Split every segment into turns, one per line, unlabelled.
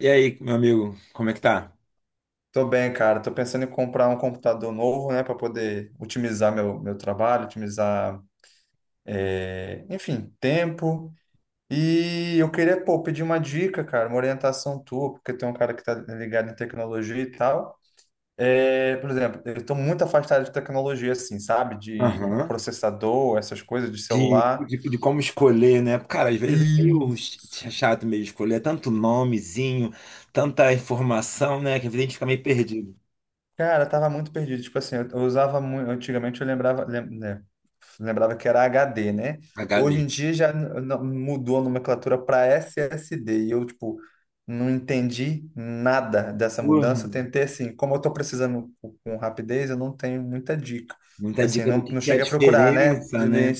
E aí, meu amigo, como é que tá?
Tô bem, cara. Tô pensando em comprar um computador novo, né, para poder otimizar meu trabalho, otimizar, enfim, tempo. E eu queria, pô, pedir uma dica, cara, uma orientação tua, porque tem um cara que tá ligado em tecnologia e tal. É, por exemplo, eu tô muito afastado de tecnologia, assim, sabe? De
Aham.
processador, essas coisas, de
De,
celular.
de, de como escolher, né? Cara, às vezes é meio
Isso.
chato meio escolher, é tanto nomezinho, tanta informação, né? Que às vezes a gente fica meio perdido.
Cara, eu tava muito perdido. Tipo assim, eu usava muito. Antigamente eu lembrava, né, lembrava que era HD, né? Hoje
HD.
em dia já mudou a nomenclatura para SSD. E eu, tipo, não entendi nada dessa
Porra,
mudança. Eu tentei, assim, como eu tô precisando com rapidez, eu não tenho muita dica.
muita
Assim,
dica do
não
que é a
cheguei a procurar, né?
diferença, né?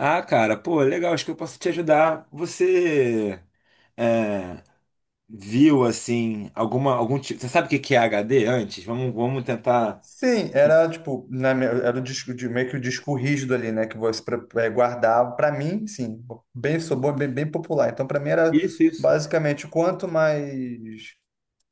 Ah, cara, pô, legal, acho que eu posso te ajudar. Você é, viu, assim, algum tipo. Você sabe o que que é HD antes? Vamos tentar.
Sim, era tipo, era um disco de meio que o disco rígido ali, né? Que você guardava. Para mim, sim, bem, sou bom, bem, bem popular. Então, para mim era
Isso, isso.
basicamente quanto mais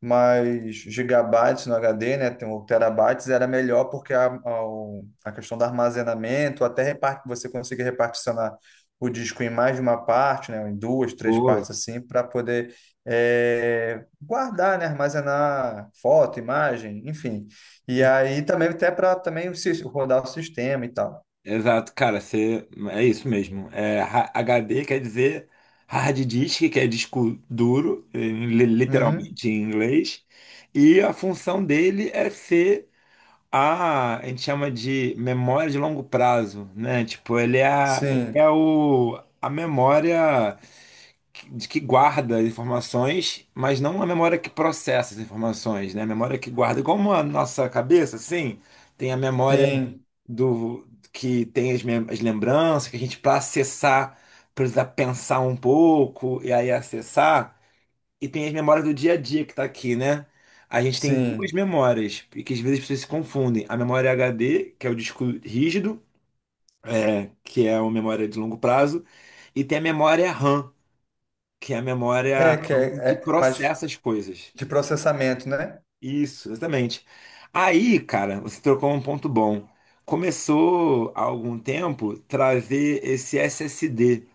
mas gigabytes no HD, né, tem o terabytes, era melhor porque a questão do armazenamento, você conseguir reparticionar o disco em mais de uma parte, né, em duas, três
Pô.
partes assim, para poder guardar, né, armazenar foto, imagem, enfim. E aí também até para também rodar o sistema e tal.
Exato, cara, você, é isso mesmo. É, H D quer dizer hard disk, que é disco duro,
Uhum.
literalmente em inglês, e a função dele é ser a gente chama de memória de longo prazo, né? Tipo, ele
Sim,
é a memória de que guarda as informações, mas não a memória que processa as informações, né? A memória que guarda, como a nossa cabeça, assim, tem a memória
sim,
do que tem as lembranças, que a gente, para acessar, precisa pensar um pouco e aí acessar. E tem as memórias do dia a dia que tá aqui, né? A gente tem duas
sim.
memórias, e que às vezes as pessoas se confundem. A memória HD, que é o disco rígido, que é uma memória de longo prazo, e tem a memória RAM, que é a memória onde
É mais
processa as coisas.
de processamento, né?
Isso, exatamente. Aí, cara, você trocou um ponto bom. Começou há algum tempo trazer esse SSD.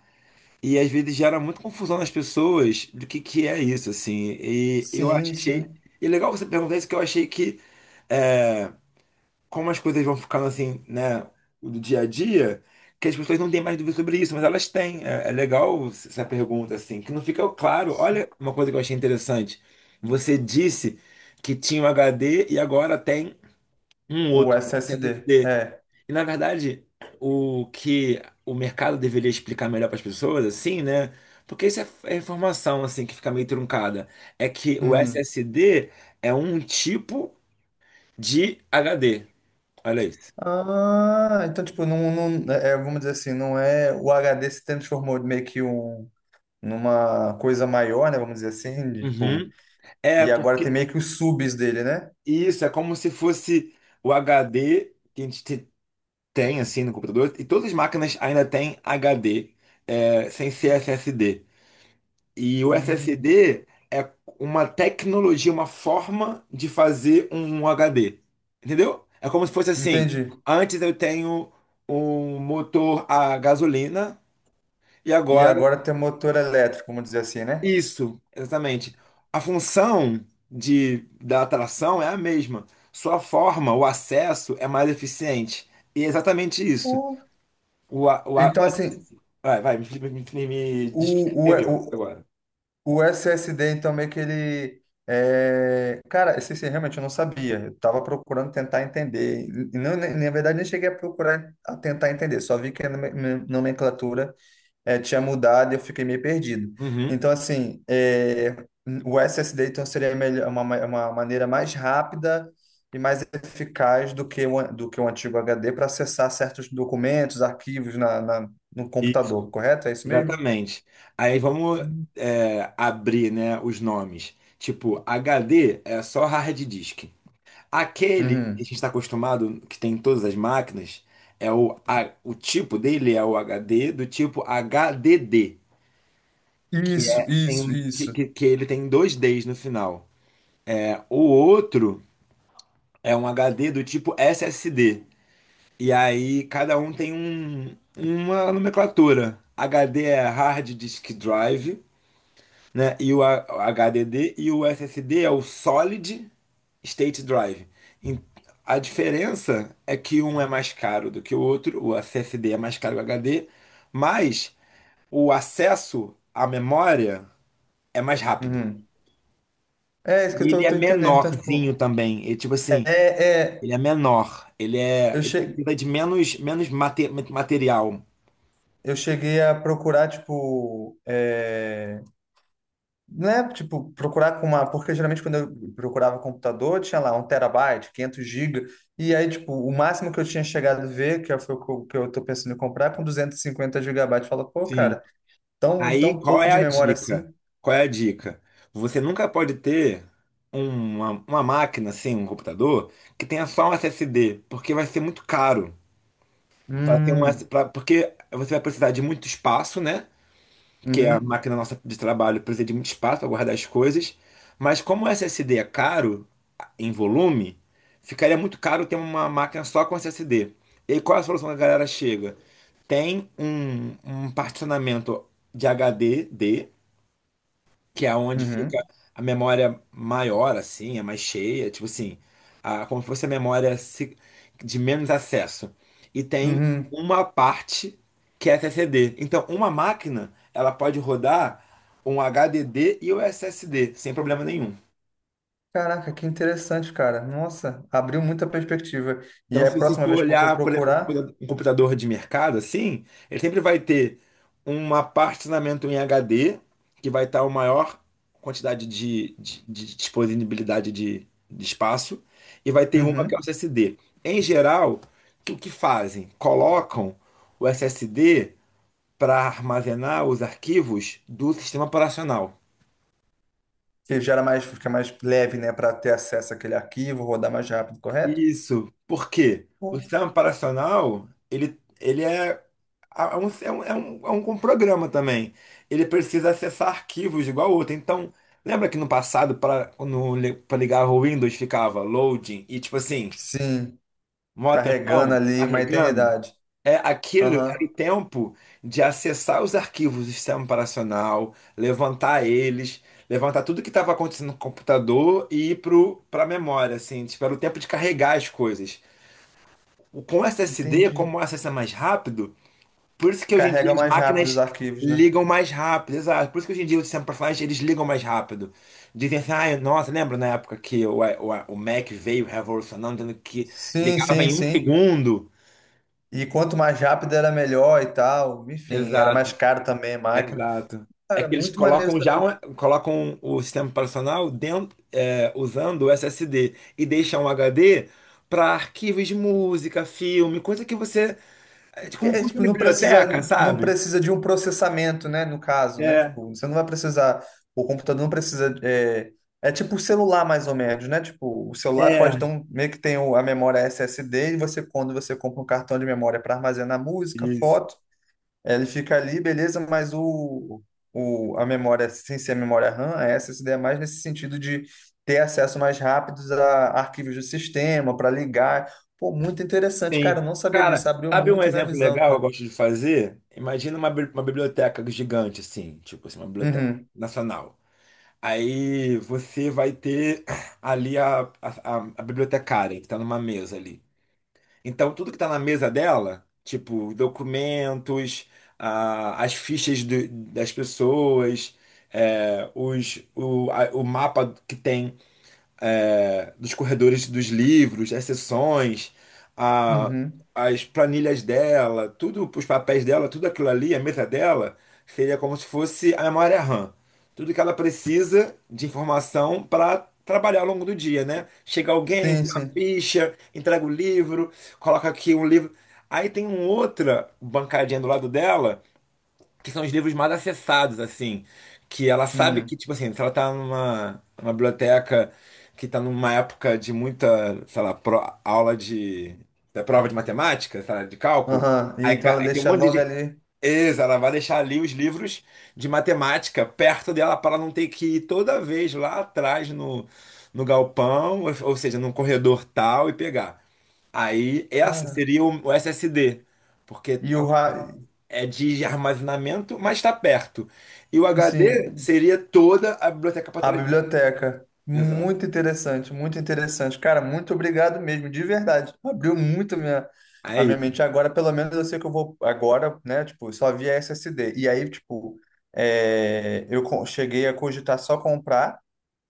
E às vezes gera muita confusão nas pessoas do que é isso, assim. E eu
Sim,
achei.
sim.
E é legal você perguntar isso, que eu achei que. eh, Como as coisas vão ficando assim, né, do dia a dia, que as pessoas não têm mais dúvida sobre isso, mas elas têm. É, legal essa pergunta, assim, que não fica claro. Olha uma coisa que eu achei interessante. Você disse que tinha um HD e agora tem um
O
outro, um
SSD,
SSD.
é.
E na verdade, o que o mercado deveria explicar melhor para as pessoas, assim, né? Porque isso é informação assim que fica meio truncada. É que o
Uhum.
SSD é um tipo de HD. Olha isso.
Ah, então, tipo, não, não, é, é, vamos dizer assim, não é. O HD se transformou meio que um, numa coisa maior, né? Vamos dizer assim, de, tipo.
Uhum. É,
E agora tem
porque
meio que os subs dele, né?
isso é como se fosse o HD que a gente tem assim no computador, e todas as máquinas ainda têm HD, sem ser SSD. E o
Hum,
SSD é uma tecnologia, uma forma de fazer um HD. Entendeu? É como se fosse assim:
entendi.
antes eu tenho um motor a gasolina, e
E
agora.
agora tem motor elétrico, vamos dizer assim, né?
Isso, exatamente. A função da atração é a mesma. Sua forma, o acesso é mais eficiente. E é exatamente isso.
Oh.
O, a- o, a- o
Então,
ac-
assim,
vai, vai, me diz o que
o,
entendeu
o,
agora.
O SSD, então, meio que ele. Cara, esse realmente eu não sabia. Eu tava procurando tentar entender. E não, na verdade, nem cheguei a procurar a tentar entender. Só vi que a nomenclatura tinha mudado e eu fiquei meio perdido.
Uhum.
Então, assim, o SSD então, seria melhor, uma maneira mais rápida e mais eficaz do que do que o antigo HD para acessar certos documentos, arquivos no
Isso,
computador, correto? É isso mesmo?
exatamente. Aí vamos
Hum.
abrir, né, os nomes. Tipo, HD é só hard disk. Aquele que a
Uhum.
gente está acostumado, que tem em todas as máquinas, é o tipo dele é o HD do tipo HDD, que
Isso,
é tem,
isso,
um,
isso.
que ele tem dois Ds no final. É, o outro é um HD do tipo SSD. E aí cada um tem uma nomenclatura. HD é Hard Disk Drive, né? E o HDD e o SSD é o Solid State Drive. Em- A diferença é que um é mais caro do que o outro, o SSD é mais caro que o HD, mas o acesso à memória é mais rápido.
Uhum. É isso que eu
E ele é
tô entendendo. Então,
menorzinho
tipo,
também. Ele, tipo
é,
assim,
é,
ele é menor. Ele é,
eu
ele
che...
precisa de menos material.
eu cheguei a procurar, tipo, não é, tipo, procurar com uma... Porque geralmente quando eu procurava computador, tinha lá um terabyte, 500 gigas, e aí, tipo, o máximo que eu tinha chegado a ver, que foi o que eu tô pensando em comprar, é com 250 gigabytes. Fala, pô,
Sim.
cara,
Aí,
tão
qual
pouco
é
de
a
memória
dica?
assim?
Qual é a dica? Você nunca pode ter uma máquina, assim, um computador, que tenha só um SSD, porque vai ser muito caro. Pra ter um, S
Hum,
pra, porque você vai precisar de muito espaço, né? Porque a
uhum,
máquina nossa de trabalho precisa de muito espaço para guardar as coisas. Mas como o SSD é caro em volume, ficaria muito caro ter uma máquina só com SSD. E aí, qual é a solução que a galera chega? Tem um particionamento de HD que é onde fica
uhum,
a memória maior, assim, é mais cheia, tipo assim, como se fosse a memória de menos acesso. E tem
uhum.
uma parte que é SSD. Então, uma máquina, ela pode rodar um HDD e o SSD, sem problema nenhum.
Caraca, que interessante, cara. Nossa, abriu muita perspectiva. E
Então,
aí, a
se você
próxima
for
vez que eu for
olhar, por
procurar,
exemplo, um computador de mercado, assim, ele sempre vai ter um armazenamento em HD, que vai estar a maior quantidade de disponibilidade de espaço, e vai ter uma que é o
uhum,
SSD. Em geral, o que fazem? Colocam o SSD para armazenar os arquivos do sistema operacional.
que gera mais, fica mais leve, né, para ter acesso àquele arquivo, rodar mais rápido, correto?
Isso. Por quê? O
Pô.
sistema operacional, ele é, é um, é um, é um, é um programa também. Ele precisa acessar arquivos igual outro. Então, lembra que no passado, para ligar o Windows, ficava loading e tipo assim,
Sim,
mó
carregando
tempão,
ali uma
carregando?
eternidade.
É, aquilo era o
Aham,
tempo de acessar os arquivos do sistema operacional, levantar eles, levantar tudo que estava acontecendo no computador e ir para a memória, assim, tipo, era o tempo de carregar as coisas. Com o SSD,
entendi.
como o acesso é mais rápido, por isso que hoje em dia
Carrega
as
mais rápido os
máquinas
arquivos, né?
ligam mais rápido, exato. Por isso que hoje em dia os sistemas personagens eles ligam mais rápido. Dizem assim, ai, nossa, lembra na época que o Mac veio revolucionando, dizendo que
Sim,
ligava
sim,
em um
sim.
segundo?
E quanto mais rápido era melhor e tal. Enfim, era mais
Exato,
caro também a máquina.
exato. É
Cara,
que eles
muito maneiro
colocam já
saber.
colocam o sistema operacional dentro, usando o SSD e deixam o HD para arquivos de música, filme, coisa que você.
Que
Como
é,
funciona
tipo,
biblioteca,
não
sabe?
precisa de um processamento, né? No caso, né?
É.
Tipo, você não vai precisar, o computador não precisa. É, é tipo o celular, mais ou menos, né? Tipo, o celular
É,
pode ter um, meio que tem a memória SSD, e você, quando você compra um cartão de memória para armazenar música,
isso.
foto, ele fica ali, beleza, mas a memória, sem ser a memória RAM, a SSD é mais nesse sentido de ter acesso mais rápido a arquivos do sistema, para ligar. Pô, muito interessante,
Sim.
cara. Eu não sabia disso.
Cara,
Abriu
sabe um
muito minha
exemplo
visão,
legal que eu
cara.
gosto de fazer? Imagina uma biblioteca gigante, assim, tipo assim, uma biblioteca
Uhum,
nacional. Aí você vai ter ali a bibliotecária, que está numa mesa ali. Então, tudo que está na mesa dela, tipo documentos, as fichas das pessoas, o mapa que tem dos corredores dos livros, as sessões, a-
uhum.
as planilhas dela, tudo, os papéis dela, tudo aquilo ali, a mesa dela, seria como se fosse a memória RAM. Tudo que ela precisa de informação para trabalhar ao longo do dia, né? Chega alguém,
Sim,
tem uma
sim.
ficha, entrega o livro, coloca aqui um livro. Aí tem uma outra bancadinha do lado dela que são os livros mais acessados, assim. Que ela sabe
Uhum.
que, tipo assim, se ela tá numa biblioteca que tá numa época de muita, sei lá, aula de, da prova de matemática, sei lá, de cálculo,
Aham. E então ela
aí tem um
deixa
monte
logo
de.
ali.
Isso, ela vai deixar ali os livros de matemática perto dela para ela não ter que ir toda vez lá atrás no, no galpão, ou seja, num corredor tal e pegar. Aí essa
Cara.
seria o SSD, porque
E
é
o ra-
é de armazenamento, mas está perto. E o HD
sim,
seria toda a biblioteca para
a
trás dela.
biblioteca.
Exato.
Muito interessante, muito interessante. Cara, muito obrigado mesmo, de verdade. Abriu muito
É
a minha
isso.
mente. Agora, pelo menos, eu sei que eu vou agora, né? Tipo, só via SSD. E aí, tipo, eu cheguei a cogitar só comprar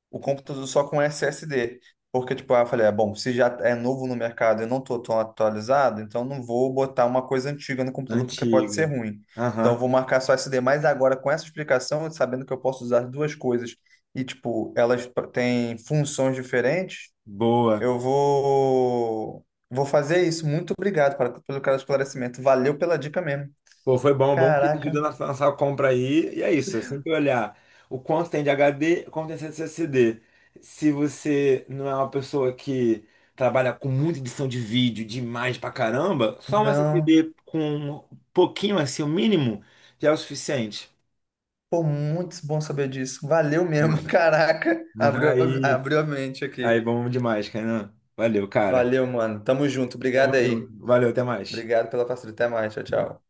o computador só com SSD. Porque, tipo, ah, eu falei, ah, bom, se já é novo no mercado e eu não tô tão atualizado, então não vou botar uma coisa antiga no computador porque pode ser
Antiga.
ruim. Então
Aham.
eu vou marcar só SD. Mas agora, com essa explicação, sabendo que eu posso usar duas coisas e, tipo, elas têm funções diferentes,
Boa.
eu vou. Vou fazer isso. Muito obrigado para, pelo cara esclarecimento. Valeu pela dica mesmo.
Pô, foi bom, bom que te
Caraca,
ajudou na sua compra aí. E é isso. Sempre olhar o quanto tem de HD, quanto tem de SSD. Se você não é uma pessoa que trabalha com muita edição de vídeo, de imagem pra caramba, só um
não.
SSD com um pouquinho assim, o mínimo, já é o suficiente.
Pô, muito bom saber disso. Valeu mesmo,
Mano.
caraca. Abriu,
Aí.
abriu a mente
Aí,
aqui.
bom demais, Kainan. Valeu, cara.
Valeu, mano. Tamo junto.
Tamo
Obrigado aí.
junto. Valeu, até mais.
Obrigado pela parceria. Até mais. Tchau, tchau.